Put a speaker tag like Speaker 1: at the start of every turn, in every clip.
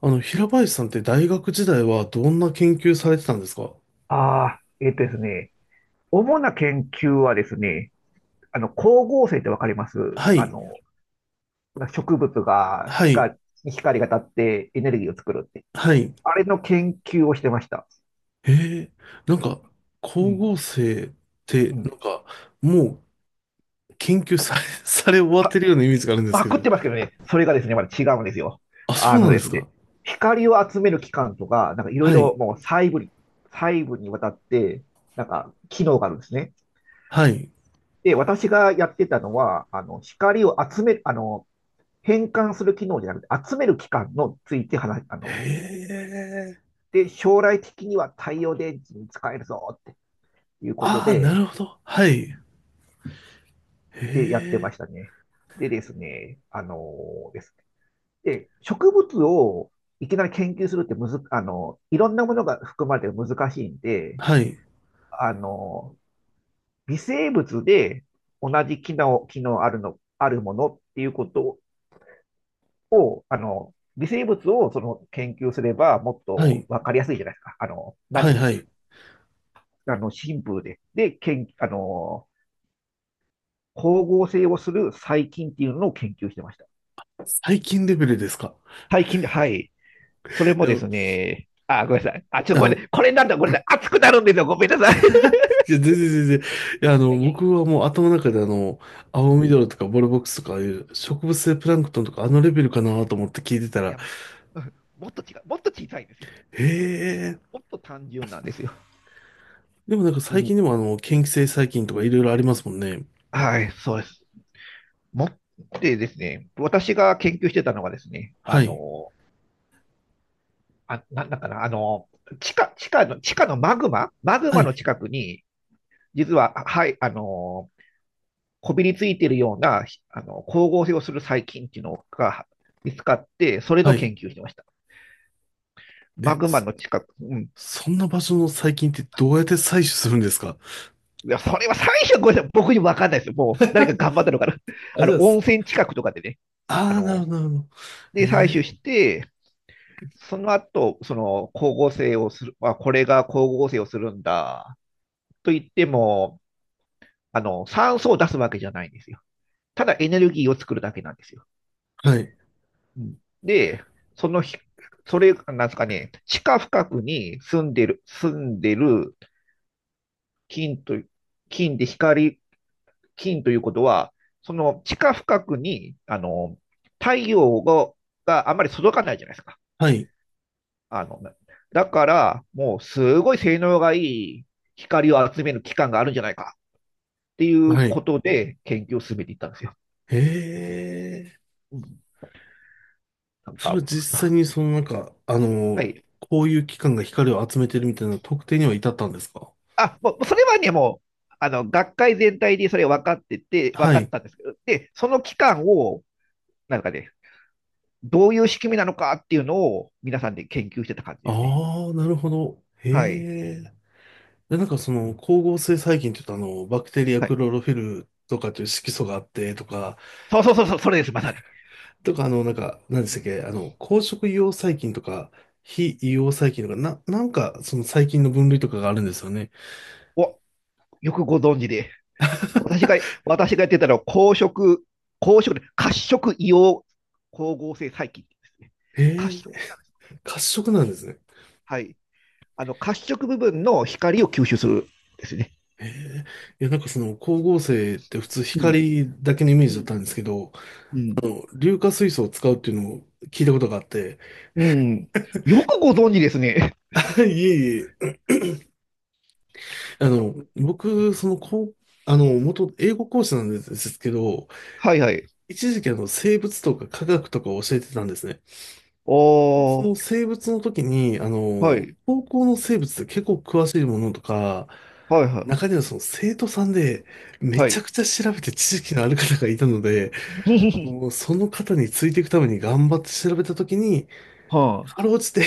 Speaker 1: 平林さんって大学時代はどんな研究されてたんですか？
Speaker 2: ああ、えっとですね、主な研究はですね、光合成ってわかります？
Speaker 1: は
Speaker 2: あ
Speaker 1: い、
Speaker 2: の、植物が
Speaker 1: はい、
Speaker 2: 光が当たってエネルギーを作るって。
Speaker 1: はい。
Speaker 2: あれの研究をしてました。
Speaker 1: へえ、なんか、
Speaker 2: う
Speaker 1: 光合
Speaker 2: ん。
Speaker 1: 成って、
Speaker 2: うん。
Speaker 1: もう研究され、され終わってるようなイメージがあるんで
Speaker 2: まあ、
Speaker 1: すけど。
Speaker 2: 食ってますけどね、それがですね、まだ違うんですよ。
Speaker 1: あ、そ
Speaker 2: あ
Speaker 1: う
Speaker 2: の
Speaker 1: なん
Speaker 2: で
Speaker 1: で
Speaker 2: す
Speaker 1: すか？
Speaker 2: ね、光を集める器官とか、なんかいろい
Speaker 1: はい、
Speaker 2: ろもう細部にわたって、なんか機能があるんですね。
Speaker 1: はい。
Speaker 2: で、私がやってたのは、光を集める、変換する機能じゃなくて、集める機関のついて話、
Speaker 1: へえ、
Speaker 2: で、将来的には太陽電池に使えるぞっていうこと
Speaker 1: ああ、な
Speaker 2: で、
Speaker 1: るほど。はい。へ
Speaker 2: で、やってま
Speaker 1: え、
Speaker 2: したね。でですね、ーですねで、植物をいきなり研究するってむず、あの、いろんなものが含まれて難しいんで、
Speaker 1: はい、
Speaker 2: あの、微生物で同じ機能あるの、あるものっていうことを、微生物をその研究すればもっ
Speaker 1: は
Speaker 2: と
Speaker 1: い、
Speaker 2: わかりやすいじゃないですか。あの、な
Speaker 1: はい、はい。
Speaker 2: あの、シンプルで。で、研、あの、光合成をする細菌っていうのを研究してました。
Speaker 1: 最近レベルですか？
Speaker 2: 細菌で、はい。それ
Speaker 1: い
Speaker 2: も
Speaker 1: や、
Speaker 2: ですね、あ、ごめんなさい。あ、ちょっとごめん
Speaker 1: あ
Speaker 2: なさい。これなんだ、ごめんなさい。熱くなるんですよ。ごめんなさい。
Speaker 1: いや、全然。いや、
Speaker 2: いやいやいや。
Speaker 1: 僕はもう頭の中で
Speaker 2: う
Speaker 1: 青
Speaker 2: ん、
Speaker 1: 緑とかボルボックスとかああいう植物性プランクトンとかあのレベルかなと思って聞いてた
Speaker 2: い
Speaker 1: ら、
Speaker 2: や、もっと違う。もっと小さいんですよ。
Speaker 1: へえ。
Speaker 2: もっと単純なんですよ。
Speaker 1: でもなんか
Speaker 2: う
Speaker 1: 最
Speaker 2: ん、
Speaker 1: 近でも嫌気性細菌とかいろいろありますもんね。
Speaker 2: はい、そうです。もってですね、私が研究してたのはですね、
Speaker 1: はい。
Speaker 2: あ、なんだかな、地下のマグママグ
Speaker 1: は
Speaker 2: マの
Speaker 1: い。
Speaker 2: 近くに、実は、はい、こびりついているような、光合成をする細菌っていうのが見つかって、それの
Speaker 1: はい。
Speaker 2: 研究してました。マ
Speaker 1: え、
Speaker 2: グマ
Speaker 1: そ、
Speaker 2: の近く、うん。い
Speaker 1: そんな場所の細菌ってどうやって採取するんですか？
Speaker 2: や、それは最初、ごめんなさい、僕にもわかんないですよ。もう、誰か頑張ったのかな。
Speaker 1: あ、じゃあ、
Speaker 2: 温
Speaker 1: す
Speaker 2: 泉近くとかでね、あ
Speaker 1: あー、なるほ
Speaker 2: の、
Speaker 1: ど、なるほど。へ
Speaker 2: で、採取し
Speaker 1: え
Speaker 2: て、その後、光合成をする、あ、これが光合成をするんだ、と言っても、酸素を出すわけじゃないんですよ。ただエネルギーを作るだけなんですよ。
Speaker 1: ー。はい。
Speaker 2: うん、で、そのひ、それ、なんですかね、地下深くに住んでる金と、金で光、金ということは、その地下深くに、太陽があんまり届かないじゃないですか。
Speaker 1: はい。
Speaker 2: あの、だから、もうすごい性能がいい光を集める機関があるんじゃないかっていう
Speaker 1: は
Speaker 2: こ
Speaker 1: い。
Speaker 2: とで研究を進めていったんですよ。
Speaker 1: へえ。
Speaker 2: うん、なん
Speaker 1: それ
Speaker 2: か、
Speaker 1: は実際にそのなんか、
Speaker 2: はい、
Speaker 1: こういう機関が光を集めてるみたいな特定には至ったんですか？
Speaker 2: あ、もう、それはね、もう、学会全体でそれ分かってて、分
Speaker 1: は
Speaker 2: かっ
Speaker 1: い。
Speaker 2: たんですけど、で、その期間を、なんかね、どういう仕組みなのかっていうのを、皆さんで研究してた感じですね。
Speaker 1: ああ、なるほど。へ
Speaker 2: はい。
Speaker 1: え。で、なんかその光合成細菌って言うとバクテリア
Speaker 2: は
Speaker 1: ク
Speaker 2: い。
Speaker 1: ロロフィルとかという色素があってとか、
Speaker 2: そうそうそうそう、それです、まさに。
Speaker 1: とかなんか、何でしたっけ、光色硫黄細菌とか、非硫黄細菌とか、なんかその細菌の分類とかがあるんですよね。
Speaker 2: お、よくご存知で。私が、私がやってたのは、公職で、褐色硫黄光合成細菌ですね。
Speaker 1: へ
Speaker 2: 褐
Speaker 1: え、
Speaker 2: 色。
Speaker 1: 褐色なんですね。
Speaker 2: はい。褐色部分の光を吸収するですね。
Speaker 1: へえ、いや、なんかその光合成って普通
Speaker 2: うん。
Speaker 1: 光だけのイメー
Speaker 2: う
Speaker 1: ジだっ
Speaker 2: ん。
Speaker 1: たんですけど、
Speaker 2: うん。
Speaker 1: 硫化水素を使うっていうのを聞いたことがあって、
Speaker 2: うん。よくご存知ですね。
Speaker 1: いえいえ、僕、元英語講師なんですけど、
Speaker 2: はいはい。
Speaker 1: 一時期生物とか科学とかを教えてたんですね。で
Speaker 2: お
Speaker 1: その
Speaker 2: ー、
Speaker 1: 生物の時に、
Speaker 2: はい、
Speaker 1: 高校の生物って結構詳しいものとか、
Speaker 2: はいは
Speaker 1: 中
Speaker 2: い、
Speaker 1: にはその生徒さんでめ
Speaker 2: は
Speaker 1: ちゃ
Speaker 2: い。
Speaker 1: くちゃ調べて知識のある方がいたので、もうその方についていくために頑張って調べたときに、
Speaker 2: はあ。
Speaker 1: かろうじて、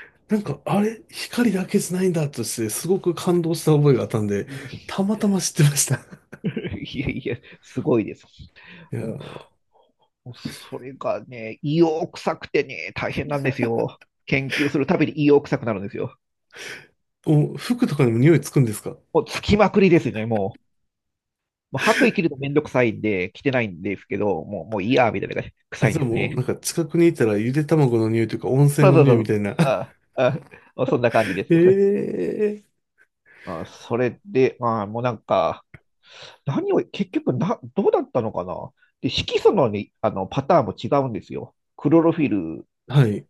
Speaker 1: なんか、あれ、光だけじゃないんだとして、すごく感動した覚えがあったんで、たまたま知ってました。
Speaker 2: いやいや、すごいです。
Speaker 1: いや
Speaker 2: も
Speaker 1: ー、
Speaker 2: う、もうそれがね、胃を臭くてね、大変なんですよ。研究するたびに胃を臭くなるんですよ。
Speaker 1: お、服とかにも匂いつくんですか？
Speaker 2: もう、つきまくりですね、もう。もう白衣着るのめんどくさいんで、着てないんですけど、もう、もういいや、みたいな感じ、
Speaker 1: あ、
Speaker 2: 臭い
Speaker 1: じゃあ
Speaker 2: です
Speaker 1: もう、
Speaker 2: ね。
Speaker 1: なんか近くにいたらゆで卵の匂いというか温泉
Speaker 2: そう
Speaker 1: の
Speaker 2: そう
Speaker 1: 匂
Speaker 2: そ
Speaker 1: いみ
Speaker 2: う。
Speaker 1: たいな。
Speaker 2: ああ、ああそんな感じで す。
Speaker 1: ええー。
Speaker 2: まあ、それで、まあ、もうなんか、何を、結局な、どうだったのかなで、色素のねパターンも違うんですよ。クロロフィル、
Speaker 1: はい、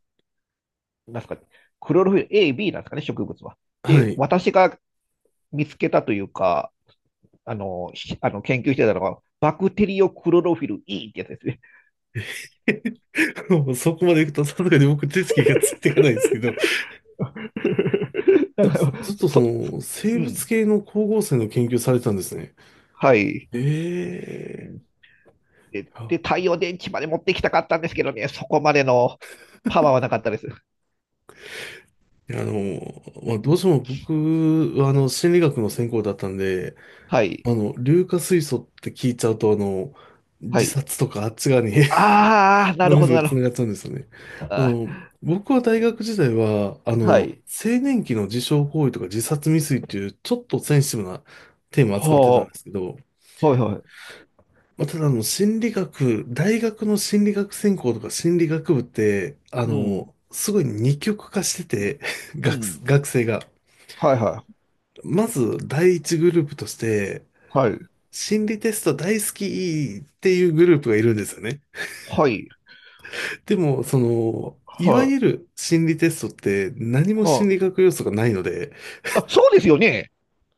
Speaker 2: なんすか、クロロフィル A、B なんですかね、植物は。
Speaker 1: は
Speaker 2: で、
Speaker 1: い。
Speaker 2: 私が見つけたというか、あの、しあの研究してたのが、バクテリオクロロフィル E ってやつですね。
Speaker 1: もうそこまで行くと、さすがに僕手つきがついていかないですけど、
Speaker 2: だから、
Speaker 1: ずっとその、生
Speaker 2: う
Speaker 1: 物
Speaker 2: ん、
Speaker 1: 系の光合成の研究されてたんですね。
Speaker 2: はい。う
Speaker 1: ええ、
Speaker 2: ん。で、太陽電池まで持ってきたかったんですけどね、そこまでのパワーはなかったです。
Speaker 1: いや、まあ、
Speaker 2: う
Speaker 1: どうして
Speaker 2: ん、
Speaker 1: も僕は、心理学の専攻だったんで、
Speaker 2: はい。
Speaker 1: 硫化水素って聞いちゃうと、
Speaker 2: は
Speaker 1: 自
Speaker 2: い。
Speaker 1: 殺とかあっち側に
Speaker 2: ああ、な
Speaker 1: 脳
Speaker 2: る
Speaker 1: み
Speaker 2: ほ
Speaker 1: そ
Speaker 2: ど、
Speaker 1: が
Speaker 2: なるほど。
Speaker 1: 繋がっちゃうんですよね。あの、
Speaker 2: あ
Speaker 1: 僕は大学時代は、
Speaker 2: ー、はい。
Speaker 1: 青年期の自傷行為とか自殺未遂っていう、ちょっとセンシティブなテーマを
Speaker 2: は
Speaker 1: 扱ってたんですけど、
Speaker 2: あ、はい、はい。
Speaker 1: まあ、ただ、心理学、大学の心理学専攻とか心理学部って、
Speaker 2: うん、
Speaker 1: すごい二極化してて、
Speaker 2: う
Speaker 1: 学、
Speaker 2: ん。
Speaker 1: 学生が。
Speaker 2: はい、はい、
Speaker 1: まず第一グループとして、
Speaker 2: はい、
Speaker 1: 心理テスト大好きっていうグループがいるんですよね。
Speaker 2: はい、
Speaker 1: でも、その、いわ
Speaker 2: は
Speaker 1: ゆ
Speaker 2: い、
Speaker 1: る心理テストって何も心
Speaker 2: はい。
Speaker 1: 理学要素がないので、
Speaker 2: あ、そうですよね。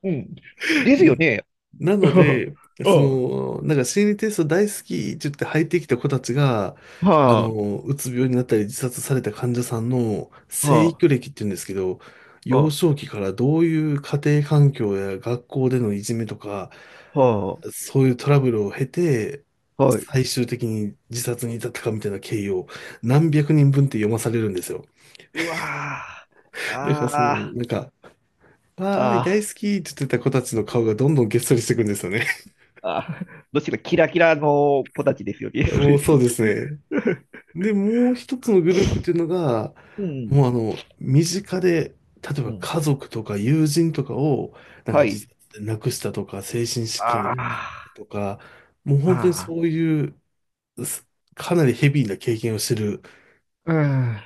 Speaker 2: うん。ですよ
Speaker 1: ん、
Speaker 2: ね。
Speaker 1: なので、
Speaker 2: う
Speaker 1: そ
Speaker 2: ん。
Speaker 1: の、なんか心理テスト大好きって言って入ってきた子たちが、
Speaker 2: はあ、
Speaker 1: うつ病になったり自殺された患者さんの生
Speaker 2: はあ、
Speaker 1: 育歴って言うんですけど、幼
Speaker 2: は
Speaker 1: 少期からどういう家庭環境や学校でのいじめとか、
Speaker 2: あ、は
Speaker 1: そういうトラブルを経て、
Speaker 2: あ、はい。
Speaker 1: 最終的に自殺に至ったかみたいな経緯を何百人分って読まされるんですよ。
Speaker 2: うわあ、
Speaker 1: だからそ
Speaker 2: あ
Speaker 1: の、
Speaker 2: あ、
Speaker 1: なんか、わーい、大
Speaker 2: ああ、
Speaker 1: 好きって言ってた子たちの顔がどんどんげっそりしていくんですよね。
Speaker 2: ああ、どちらキラキラの子たちですよ ね、そ
Speaker 1: も
Speaker 2: れ
Speaker 1: う
Speaker 2: で。
Speaker 1: そうですね。で、もう一つのグループっていうのが、
Speaker 2: うん、
Speaker 1: もうあの、身近で、例え
Speaker 2: う
Speaker 1: ば
Speaker 2: ん。
Speaker 1: 家族とか友人とかを、なんか
Speaker 2: は
Speaker 1: 自
Speaker 2: い。
Speaker 1: 殺で亡くしたとか、精神疾患で
Speaker 2: あ
Speaker 1: 亡くした
Speaker 2: あ、
Speaker 1: とか、もう本当に
Speaker 2: あ
Speaker 1: そ
Speaker 2: あ、
Speaker 1: ういう、すかなりヘビーな経験をしてる、
Speaker 2: うん。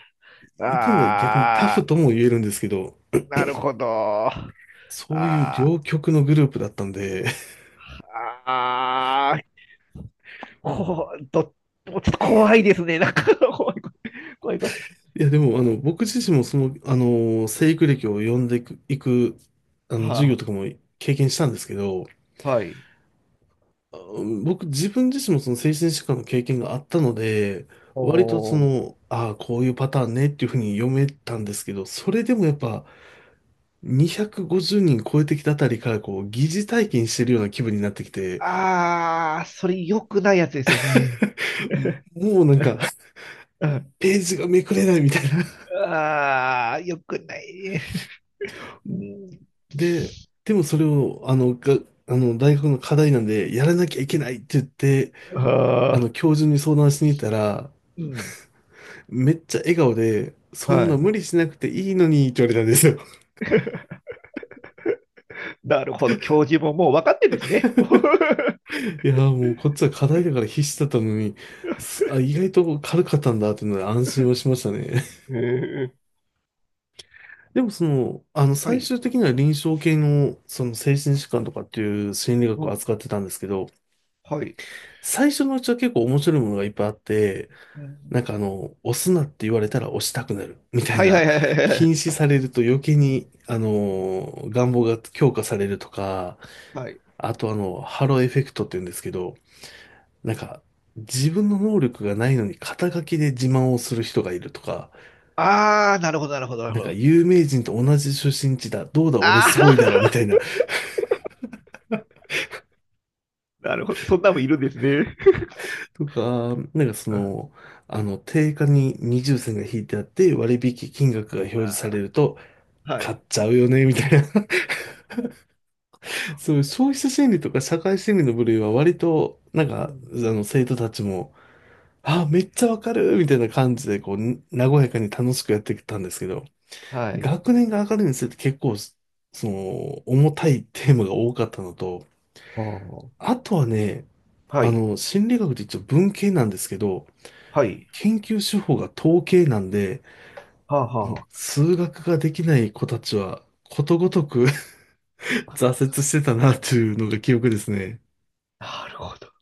Speaker 1: 言ってみれば逆にタ
Speaker 2: あ
Speaker 1: フ
Speaker 2: あ、
Speaker 1: とも言えるんですけど、
Speaker 2: なるほど。あ
Speaker 1: そういう
Speaker 2: あ、
Speaker 1: 両極のグループだったんで、
Speaker 2: ああ、こう、ど、もうちょっと怖いですね。なんか、怖い、怖い、怖い。怖い。
Speaker 1: いやでもあの僕自身もその、生育歴を読んでいく、授業
Speaker 2: は
Speaker 1: とかも経験したんですけど、
Speaker 2: あ、はい。
Speaker 1: あ僕自分自身もその精神疾患の経験があったので、割とそ
Speaker 2: おー。
Speaker 1: の、ああ、こういうパターンねっていうふうに読めたんですけど、それでもやっぱ250人超えてきたあたりからこう疑似体験してるような気分になってきて、
Speaker 2: ああ、それ良くないやつですよね。
Speaker 1: もうなんか
Speaker 2: うん。
Speaker 1: ページがめくれないみたいな。
Speaker 2: ああ、良くない。うん、
Speaker 1: で、でもそれを、あの、が、あの、大学の課題なんで、やらなきゃいけないって言って、
Speaker 2: ああ、
Speaker 1: 教授に相談しに行ったら、
Speaker 2: うん。
Speaker 1: めっちゃ笑顔で、そ
Speaker 2: は
Speaker 1: んな
Speaker 2: い。
Speaker 1: 無理しなくていいのにって言われたんですよ。
Speaker 2: なるほど。教授ももう分かってるんですね。もう。
Speaker 1: いやー、もうこっちは課題だから必死だったのに、あ、意外と軽かったんだっていうので安心をしましたね。
Speaker 2: へえ。
Speaker 1: でもその、
Speaker 2: は
Speaker 1: 最
Speaker 2: い。
Speaker 1: 終的には臨床系の、その精神疾患とかっていう心理学を
Speaker 2: も
Speaker 1: 扱ってたんですけど、
Speaker 2: う、はい。
Speaker 1: 最初のうちは結構面白いものがいっぱいあって、
Speaker 2: う
Speaker 1: なん
Speaker 2: ん。
Speaker 1: かあの、押すなって言われたら押したくなるみたい
Speaker 2: はい、は
Speaker 1: な、
Speaker 2: い、はい、はい、は
Speaker 1: 禁
Speaker 2: い。
Speaker 1: 止されると余計
Speaker 2: う
Speaker 1: に、
Speaker 2: ん。うん。
Speaker 1: 願望が強化されるとか、
Speaker 2: はい。
Speaker 1: あとハローエフェクトって言うんですけど、なんか、自分の能力がないのに肩書きで自慢をする人がいるとか、
Speaker 2: ああ、なるほど、なるほど、なる
Speaker 1: なん
Speaker 2: ほ
Speaker 1: か
Speaker 2: ど。
Speaker 1: 有名人と同じ出身地だ、どうだ俺
Speaker 2: ああ、
Speaker 1: すごいだろみ たいな、
Speaker 2: なるほど。そんなもんいるんですね。
Speaker 1: とか、なんかその、定価に二重線が引いてあって割引金額が表示されると、
Speaker 2: は
Speaker 1: 買っ
Speaker 2: い。
Speaker 1: ちゃうよね、みたいな、そういう消費者心理とか社会心理の部類は割と、なん
Speaker 2: う
Speaker 1: か、
Speaker 2: ん。
Speaker 1: 生徒たちも、あ、めっちゃわかるみたいな感じで、こう、に和やかに楽しくやってきたんですけど、
Speaker 2: はい。
Speaker 1: 学年が上がるにつれて結構、その、重たいテーマが多かったのと、
Speaker 2: は
Speaker 1: あとはね、
Speaker 2: あ。はい。
Speaker 1: 心理学って一応文系なんですけど、
Speaker 2: はい。
Speaker 1: 研究手法が統計なんで、
Speaker 2: はあ、
Speaker 1: もう
Speaker 2: は
Speaker 1: 数学ができない子たちは、ことごとく 挫折してたなというのが記憶ですね。
Speaker 2: あ。なるほど。